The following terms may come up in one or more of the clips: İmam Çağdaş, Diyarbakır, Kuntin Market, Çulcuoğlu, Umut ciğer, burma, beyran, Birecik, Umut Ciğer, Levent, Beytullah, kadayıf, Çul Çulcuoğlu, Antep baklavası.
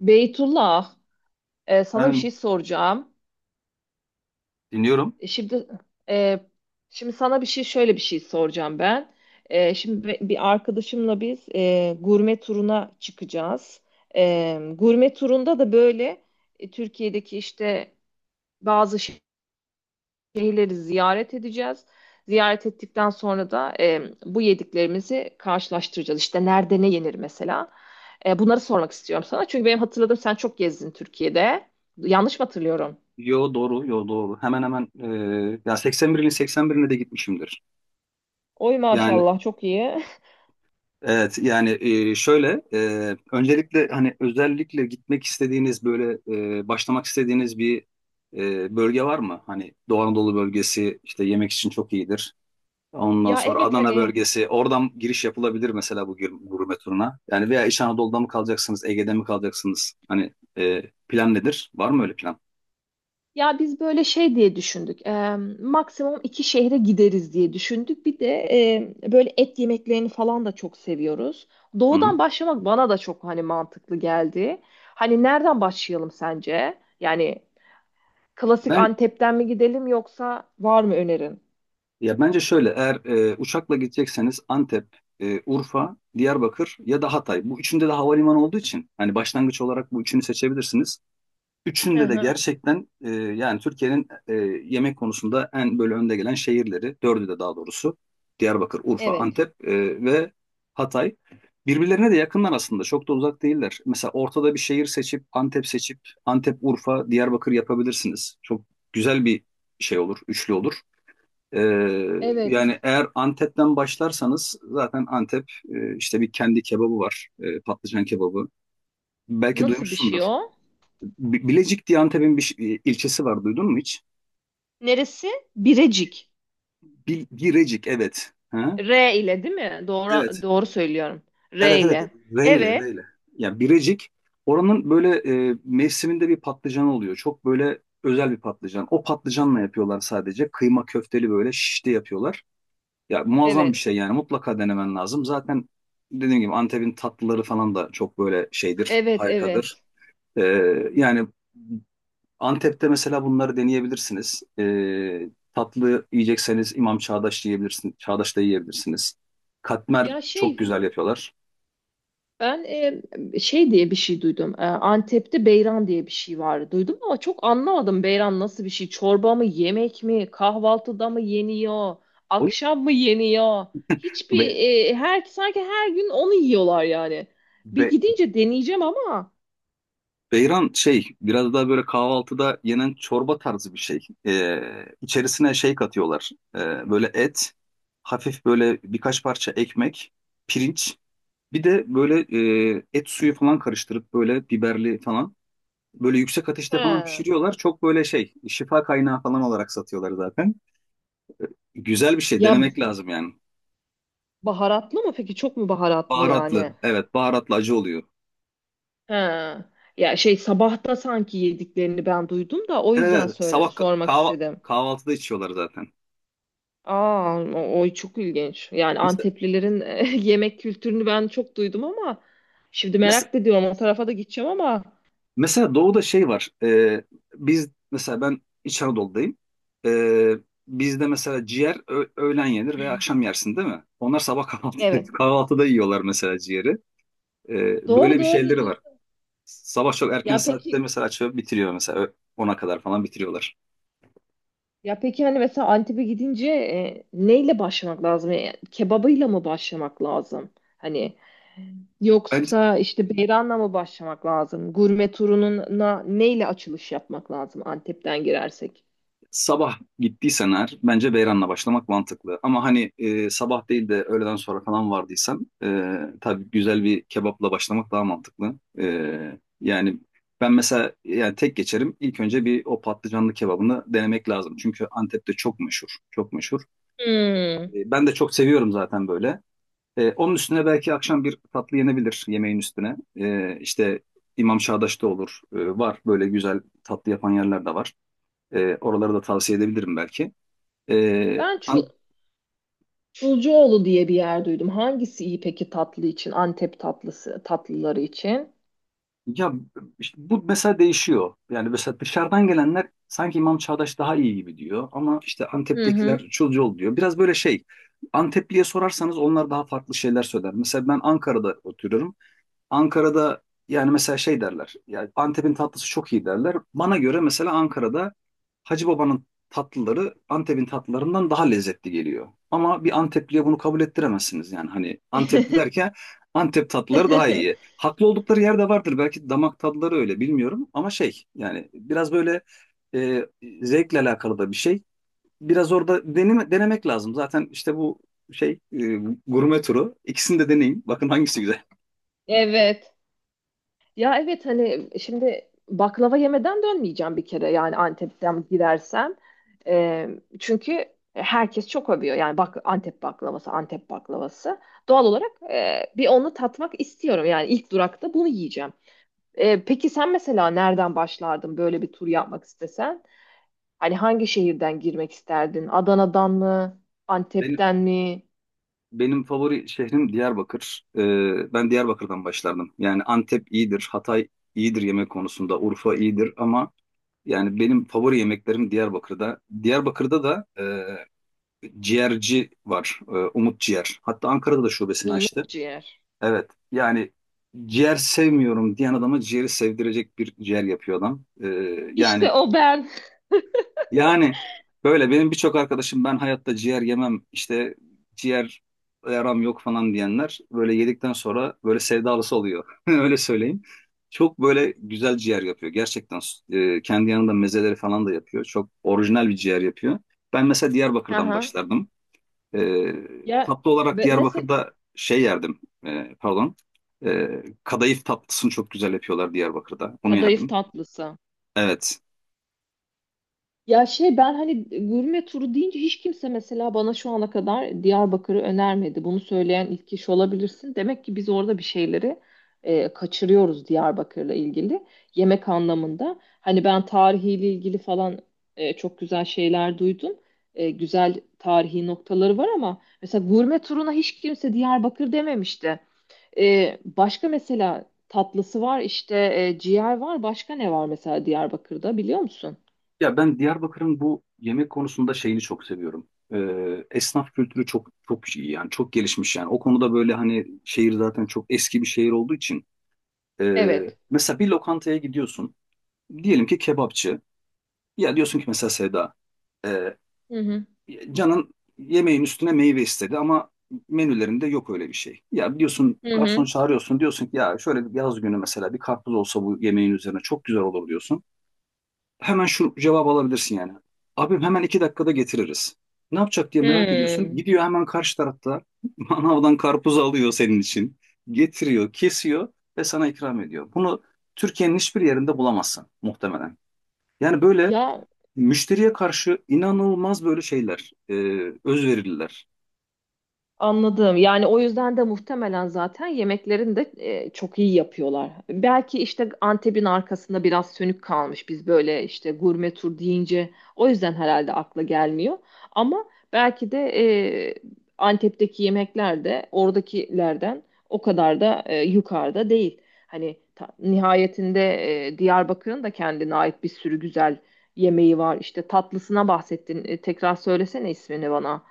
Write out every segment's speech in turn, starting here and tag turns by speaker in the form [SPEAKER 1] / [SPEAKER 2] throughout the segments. [SPEAKER 1] Beytullah, sana bir
[SPEAKER 2] Ben
[SPEAKER 1] şey soracağım.
[SPEAKER 2] dinliyorum.
[SPEAKER 1] E, Şimdi e, Şimdi sana bir şey şöyle bir şey soracağım ben. Şimdi bir arkadaşımla biz gurme turuna çıkacağız. Gurme turunda da böyle Türkiye'deki işte bazı şehirleri ziyaret edeceğiz. Ziyaret ettikten sonra da bu yediklerimizi karşılaştıracağız. İşte nerede ne yenir mesela. Bunları sormak istiyorum sana. Çünkü benim hatırladığım, sen çok gezdin Türkiye'de. Yanlış mı hatırlıyorum?
[SPEAKER 2] Yo doğru, yo doğru. Hemen hemen ya 81'in 81'ine de gitmişimdir.
[SPEAKER 1] Oy,
[SPEAKER 2] Yani
[SPEAKER 1] maşallah, çok iyi.
[SPEAKER 2] evet yani, şöyle öncelikle hani özellikle gitmek istediğiniz böyle, başlamak istediğiniz bir bölge var mı? Hani Doğu Anadolu bölgesi işte yemek için çok iyidir. Ondan
[SPEAKER 1] Ya
[SPEAKER 2] sonra
[SPEAKER 1] evet
[SPEAKER 2] Adana
[SPEAKER 1] hani,
[SPEAKER 2] bölgesi, oradan giriş yapılabilir mesela bu gurme turuna. Yani veya İç Anadolu'da mı kalacaksınız, Ege'de mi kalacaksınız? Hani plan nedir? Var mı öyle plan?
[SPEAKER 1] ya biz böyle şey diye düşündük. Maksimum iki şehre gideriz diye düşündük. Bir de böyle et yemeklerini falan da çok seviyoruz.
[SPEAKER 2] Hı
[SPEAKER 1] Doğudan
[SPEAKER 2] hı.
[SPEAKER 1] başlamak bana da çok hani mantıklı geldi. Hani nereden başlayalım sence? Yani klasik
[SPEAKER 2] Ben
[SPEAKER 1] Antep'ten mi gidelim, yoksa var mı önerin?
[SPEAKER 2] Ya bence şöyle, eğer uçakla gidecekseniz Antep, Urfa, Diyarbakır ya da Hatay. Bu üçünde de havalimanı olduğu için hani başlangıç olarak bu üçünü seçebilirsiniz.
[SPEAKER 1] Hı
[SPEAKER 2] Üçünde de
[SPEAKER 1] hı.
[SPEAKER 2] gerçekten yani Türkiye'nin yemek konusunda en böyle önde gelen şehirleri, dördü de daha doğrusu Diyarbakır, Urfa,
[SPEAKER 1] Evet.
[SPEAKER 2] Antep ve Hatay. Birbirlerine de yakınlar aslında, çok da uzak değiller. Mesela ortada bir şehir seçip, Antep seçip Antep, Urfa, Diyarbakır yapabilirsiniz. Çok güzel bir şey olur, üçlü olur. Ee,
[SPEAKER 1] Evet.
[SPEAKER 2] yani eğer Antep'ten başlarsanız, zaten Antep işte bir kendi kebabı var. Patlıcan kebabı. Belki
[SPEAKER 1] Nasıl bir
[SPEAKER 2] duymuşsundur.
[SPEAKER 1] şey o?
[SPEAKER 2] Bilecik diye Antep'in bir ilçesi var. Duydun mu hiç?
[SPEAKER 1] Neresi? Birecik.
[SPEAKER 2] Birecik, evet. Ha?
[SPEAKER 1] R ile değil mi? Doğru
[SPEAKER 2] Evet.
[SPEAKER 1] doğru söylüyorum. R
[SPEAKER 2] Evet, evet.
[SPEAKER 1] ile.
[SPEAKER 2] R ile, R
[SPEAKER 1] Evet.
[SPEAKER 2] ile. Yani Birecik, oranın böyle mevsiminde bir patlıcan oluyor. Çok böyle özel bir patlıcan. O patlıcanla yapıyorlar sadece. Kıyma köfteli böyle şişte yapıyorlar. Ya muazzam bir
[SPEAKER 1] Evet.
[SPEAKER 2] şey yani, mutlaka denemen lazım. Zaten dediğim gibi Antep'in tatlıları falan da çok böyle şeydir,
[SPEAKER 1] Evet,
[SPEAKER 2] harikadır.
[SPEAKER 1] evet.
[SPEAKER 2] Ee, yani Antep'te mesela bunları deneyebilirsiniz. Tatlı yiyecekseniz İmam Çağdaş yiyebilirsiniz, Çağdaş'ta yiyebilirsiniz. Katmer
[SPEAKER 1] Ya
[SPEAKER 2] çok
[SPEAKER 1] şey
[SPEAKER 2] güzel yapıyorlar.
[SPEAKER 1] ben, şey diye bir şey duydum. Antep'te beyran diye bir şey vardı. Duydum ama çok anlamadım, beyran nasıl bir şey. Çorba mı, yemek mi, kahvaltıda mı yeniyor, akşam mı yeniyor?
[SPEAKER 2] Onu
[SPEAKER 1] Hiçbir Her sanki her gün onu yiyorlar yani. Bir gidince deneyeceğim ama.
[SPEAKER 2] Beyran şey, biraz daha böyle kahvaltıda yenen çorba tarzı bir şey. Ee, içerisine şey katıyorlar. Böyle et, hafif böyle birkaç parça ekmek, pirinç. Bir de böyle et suyu falan karıştırıp, böyle biberli falan. Böyle yüksek ateşte falan
[SPEAKER 1] He.
[SPEAKER 2] pişiriyorlar. Çok böyle şey, şifa kaynağı falan olarak satıyorlar zaten. Güzel bir şey,
[SPEAKER 1] Ya
[SPEAKER 2] denemek lazım yani.
[SPEAKER 1] baharatlı mı peki? Çok mu baharatlı yani?
[SPEAKER 2] Baharatlı. Evet, baharatlı acı oluyor.
[SPEAKER 1] Ha. Ya şey, sabahta sanki yediklerini ben duydum da, o
[SPEAKER 2] Evet,
[SPEAKER 1] yüzden
[SPEAKER 2] evet, sabah
[SPEAKER 1] sormak istedim.
[SPEAKER 2] kahvaltıda içiyorlar zaten.
[SPEAKER 1] Aa, o çok ilginç. Yani
[SPEAKER 2] Mesela,
[SPEAKER 1] Anteplilerin yemek kültürünü ben çok duydum ama şimdi
[SPEAKER 2] mes-
[SPEAKER 1] merak da ediyorum, o tarafa da gideceğim ama
[SPEAKER 2] mesela doğuda şey var. Biz mesela, ben İç Anadolu'dayım. E, bizde mesela ciğer öğlen yenir veya akşam yersin değil mi? Onlar sabah kahvaltıda,
[SPEAKER 1] evet.
[SPEAKER 2] kahvaltıda yiyorlar mesela ciğeri. Böyle
[SPEAKER 1] Doğru
[SPEAKER 2] bir
[SPEAKER 1] doğru.
[SPEAKER 2] şeyleri var. Sabah çok erken
[SPEAKER 1] Ya
[SPEAKER 2] saatte
[SPEAKER 1] peki
[SPEAKER 2] mesela açıyor bitiriyor, mesela 10'a kadar falan bitiriyorlar.
[SPEAKER 1] Ya peki, hani mesela Antep'e gidince neyle başlamak lazım? Yani kebabıyla mı başlamak lazım? Hani
[SPEAKER 2] Ben
[SPEAKER 1] yoksa işte beyranla mı başlamak lazım? Gurme turununa neyle açılış yapmak lazım Antep'ten girersek?
[SPEAKER 2] Sabah gittiysen eğer, bence Beyran'la başlamak mantıklı. Ama hani sabah değil de öğleden sonra falan vardıysan, tabii güzel bir kebapla başlamak daha mantıklı. E, yani ben mesela, yani tek geçerim. İlk önce bir o patlıcanlı kebabını denemek lazım. Çünkü Antep'te çok meşhur, çok meşhur.
[SPEAKER 1] Hmm.
[SPEAKER 2] Ben de çok seviyorum zaten böyle. Onun üstüne belki akşam bir tatlı yenebilir, yemeğin üstüne. İşte İmam Çağdaş'ta olur. Var böyle güzel tatlı yapan yerler de var. Oraları da tavsiye edebilirim belki. Ee,
[SPEAKER 1] Ben
[SPEAKER 2] an-
[SPEAKER 1] Çulcuoğlu diye bir yer duydum. Hangisi iyi peki tatlı için? Antep tatlısı, tatlıları için.
[SPEAKER 2] ya işte bu mesela değişiyor. Yani mesela dışarıdan gelenler sanki İmam Çağdaş daha iyi gibi diyor, ama işte
[SPEAKER 1] Hı
[SPEAKER 2] Antep'tekiler
[SPEAKER 1] hı.
[SPEAKER 2] Çulcuoğlu diyor. Biraz böyle şey, Antepli'ye sorarsanız onlar daha farklı şeyler söyler. Mesela ben Ankara'da oturuyorum. Ankara'da yani mesela şey derler. Yani Antep'in tatlısı çok iyi derler. Bana göre mesela Ankara'da Hacı Baba'nın tatlıları Antep'in tatlılarından daha lezzetli geliyor. Ama bir Antepli'ye bunu kabul ettiremezsiniz yani. Hani Antepli derken, Antep tatlıları daha iyi. Haklı oldukları yer de vardır. Belki damak tadları öyle, bilmiyorum. Ama şey, yani biraz böyle e, zevkle alakalı da bir şey. Biraz orada denemek lazım. Zaten işte bu şey, gurme turu. İkisini de deneyin. Bakın hangisi güzel.
[SPEAKER 1] Evet. Ya evet, hani şimdi baklava yemeden dönmeyeceğim bir kere, yani Antep'ten gidersem. Ee, Çünkü herkes çok övüyor yani, bak, Antep baklavası, Antep baklavası. Doğal olarak bir onu tatmak istiyorum yani, ilk durakta bunu yiyeceğim. Peki sen mesela nereden başlardın böyle bir tur yapmak istesen? Hani hangi şehirden girmek isterdin? Adana'dan mı?
[SPEAKER 2] Benim,
[SPEAKER 1] Antep'ten mi?
[SPEAKER 2] Benim favori şehrim Diyarbakır. Ben Diyarbakır'dan başlardım. Yani Antep iyidir, Hatay iyidir yemek konusunda, Urfa iyidir, ama yani benim favori yemeklerim Diyarbakır'da. Diyarbakır'da da ciğerci var, Umut Ciğer. Hatta Ankara'da da şubesini açtı.
[SPEAKER 1] Umut ciğer.
[SPEAKER 2] Evet, yani ciğer sevmiyorum diyen adama ciğeri sevdirecek bir ciğer yapıyor adam.
[SPEAKER 1] İşte
[SPEAKER 2] Yani
[SPEAKER 1] o ben.
[SPEAKER 2] yani böyle benim birçok arkadaşım, ben hayatta ciğer yemem işte, ciğer yaram yok falan diyenler, böyle yedikten sonra böyle sevdalısı oluyor. Öyle söyleyeyim. Çok böyle güzel ciğer yapıyor. Gerçekten kendi yanında mezeleri falan da yapıyor. Çok orijinal bir ciğer yapıyor. Ben mesela Diyarbakır'dan
[SPEAKER 1] Aha.
[SPEAKER 2] başlardım. E,
[SPEAKER 1] Ya
[SPEAKER 2] tatlı olarak
[SPEAKER 1] mesela
[SPEAKER 2] Diyarbakır'da şey yerdim. Pardon. Kadayıf tatlısını çok güzel yapıyorlar Diyarbakır'da. Onu
[SPEAKER 1] kadayıf
[SPEAKER 2] yerdim.
[SPEAKER 1] tatlısı.
[SPEAKER 2] Evet.
[SPEAKER 1] Ya şey, ben hani gurme turu deyince hiç kimse mesela bana şu ana kadar Diyarbakır'ı önermedi. Bunu söyleyen ilk kişi olabilirsin. Demek ki biz orada bir şeyleri kaçırıyoruz Diyarbakır'la ilgili, yemek anlamında. Hani ben tarihiyle ilgili falan çok güzel şeyler duydum. Güzel tarihi noktaları var ama mesela gurme turuna hiç kimse Diyarbakır dememişti. Başka mesela tatlısı var işte, ciğer var. Başka ne var mesela Diyarbakır'da, biliyor musun?
[SPEAKER 2] Ya ben Diyarbakır'ın bu yemek konusunda şeyini çok seviyorum. Esnaf kültürü çok çok iyi yani, çok gelişmiş yani. O konuda böyle, hani şehir zaten çok eski bir şehir olduğu için. ee,
[SPEAKER 1] Evet.
[SPEAKER 2] mesela bir lokantaya gidiyorsun. Diyelim ki kebapçı. Ya diyorsun ki mesela Sevda. ee,
[SPEAKER 1] Hı hı.
[SPEAKER 2] canın yemeğin üstüne meyve istedi, ama menülerinde yok öyle bir şey. Ya diyorsun,
[SPEAKER 1] Hı
[SPEAKER 2] garson
[SPEAKER 1] hı.
[SPEAKER 2] çağırıyorsun, diyorsun ki ya şöyle bir yaz günü mesela bir karpuz olsa bu yemeğin üzerine çok güzel olur diyorsun, hemen şu cevabı alabilirsin yani. Abim, hemen 2 dakikada getiririz. Ne yapacak diye merak ediyorsun.
[SPEAKER 1] Hmm.
[SPEAKER 2] Gidiyor hemen karşı tarafta manavdan karpuz alıyor senin için. Getiriyor, kesiyor ve sana ikram ediyor. Bunu Türkiye'nin hiçbir yerinde bulamazsın muhtemelen. Yani böyle
[SPEAKER 1] Ya,
[SPEAKER 2] müşteriye karşı inanılmaz, böyle şeyler, özverililer.
[SPEAKER 1] anladım. Yani o yüzden de muhtemelen zaten yemeklerini de çok iyi yapıyorlar. Belki işte Antep'in arkasında biraz sönük kalmış. Biz böyle işte gurme tur deyince o yüzden herhalde akla gelmiyor. Ama belki de e, Antep'teki yemekler de oradakilerden o kadar da yukarıda değil. Hani nihayetinde Diyarbakır'ın da kendine ait bir sürü güzel yemeği var. İşte tatlısına bahsettin. Tekrar söylesene ismini bana.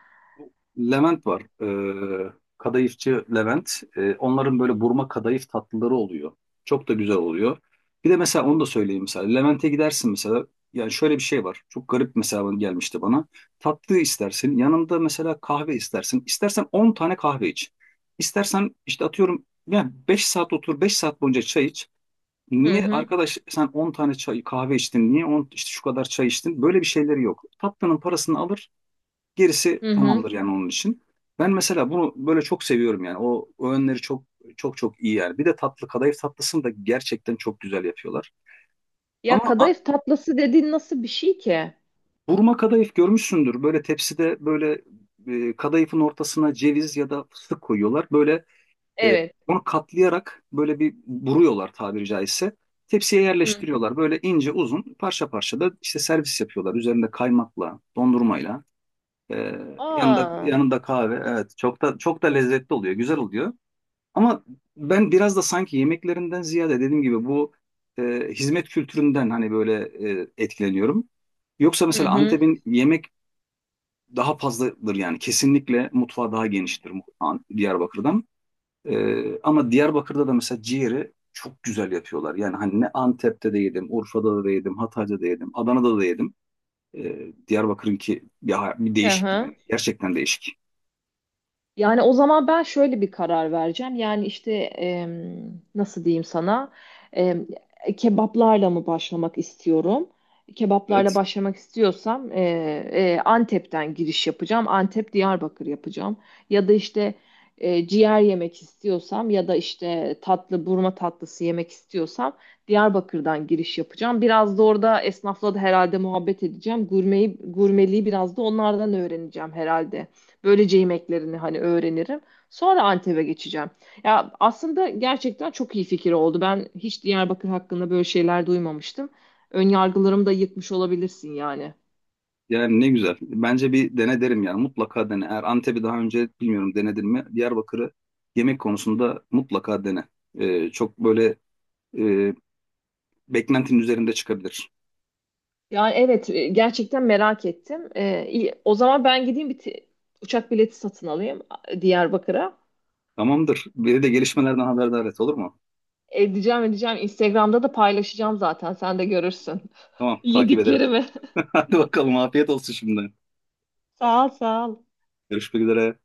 [SPEAKER 2] Levent var. Ee, kadayıfçı Levent. Onların böyle burma kadayıf tatlıları oluyor. Çok da güzel oluyor. Bir de mesela onu da söyleyeyim mesela. Levent'e gidersin mesela. Yani şöyle bir şey var. Çok garip mesela, gelmişti bana. Tatlı istersin. Yanında mesela kahve istersin. İstersen 10 tane kahve iç. İstersen işte, atıyorum yani, 5 saat otur, 5 saat boyunca çay iç.
[SPEAKER 1] Hı
[SPEAKER 2] Niye
[SPEAKER 1] hı.
[SPEAKER 2] arkadaş sen 10 tane çay, kahve içtin? Niye 10 işte, şu kadar çay içtin? Böyle bir şeyleri yok. Tatlının parasını alır, gerisi
[SPEAKER 1] Hı hı.
[SPEAKER 2] tamamdır yani, onun için. Ben mesela bunu böyle çok seviyorum yani. O öğünleri çok çok çok iyi yani. Bir de tatlı kadayıf tatlısını da gerçekten çok güzel yapıyorlar.
[SPEAKER 1] Ya
[SPEAKER 2] Ama a-
[SPEAKER 1] kadayıf tatlısı dediğin nasıl bir şey ki?
[SPEAKER 2] burma kadayıf görmüşsündür. Böyle tepside böyle kadayıfın ortasına ceviz ya da fıstık koyuyorlar. Böyle e,
[SPEAKER 1] Evet.
[SPEAKER 2] onu katlayarak böyle bir buruyorlar, tabiri caizse. Tepsiye
[SPEAKER 1] Hı.
[SPEAKER 2] yerleştiriyorlar. Böyle ince uzun parça parça da işte servis yapıyorlar. Üzerinde kaymakla, dondurmayla. Ee, yanında
[SPEAKER 1] Aa.
[SPEAKER 2] kahve. Evet, çok da çok da lezzetli oluyor, güzel oluyor. Ama ben biraz da sanki yemeklerinden ziyade, dediğim gibi bu e, hizmet kültüründen hani böyle etkileniyorum. Yoksa
[SPEAKER 1] Hı
[SPEAKER 2] mesela
[SPEAKER 1] hı.
[SPEAKER 2] Antep'in yemek daha fazladır yani, kesinlikle mutfağı daha geniştir Diyarbakır'dan. Ama Diyarbakır'da da mesela ciğeri çok güzel yapıyorlar. Yani hani ne Antep'te de yedim, Urfa'da da yedim, Hatay'da da yedim, Adana'da da yedim. Diyarbakır'ınki ya bir
[SPEAKER 1] Hı
[SPEAKER 2] değişik
[SPEAKER 1] hı.
[SPEAKER 2] yani, gerçekten değişik.
[SPEAKER 1] Yani o zaman ben şöyle bir karar vereceğim. Yani işte nasıl diyeyim sana? Em, Kebaplarla mı başlamak istiyorum? Kebaplarla
[SPEAKER 2] Evet.
[SPEAKER 1] başlamak istiyorsam Antep'ten giriş yapacağım. Antep Diyarbakır yapacağım. Ya da işte ciğer yemek istiyorsam, ya da işte burma tatlısı yemek istiyorsam Diyarbakır'dan giriş yapacağım. Biraz da orada esnafla da herhalde muhabbet edeceğim. Gurmeliği biraz da onlardan öğreneceğim herhalde. Böylece yemeklerini hani öğrenirim. Sonra Antep'e geçeceğim. Ya aslında gerçekten çok iyi fikir oldu. Ben hiç Diyarbakır hakkında böyle şeyler duymamıştım. Önyargılarımı da yıkmış olabilirsin yani.
[SPEAKER 2] Yani ne güzel. Bence bir dene derim yani. Mutlaka dene. Eğer Antep'i daha önce, bilmiyorum, denedin mi? Diyarbakır'ı yemek konusunda mutlaka dene. Çok böyle e, beklentinin üzerinde çıkabilir.
[SPEAKER 1] Yani evet, gerçekten merak ettim. İyi. O zaman ben gideyim bir uçak bileti satın alayım Diyarbakır'a.
[SPEAKER 2] Tamamdır. Beni de gelişmelerden haberdar et, olur mu?
[SPEAKER 1] Edeceğim, edeceğim. Instagram'da da paylaşacağım zaten. Sen de görürsün.
[SPEAKER 2] Tamam, takip ederim.
[SPEAKER 1] Yediklerimi.
[SPEAKER 2] Hadi bakalım, afiyet olsun şimdi.
[SPEAKER 1] Sağ ol, sağ ol.
[SPEAKER 2] Görüşmek üzere.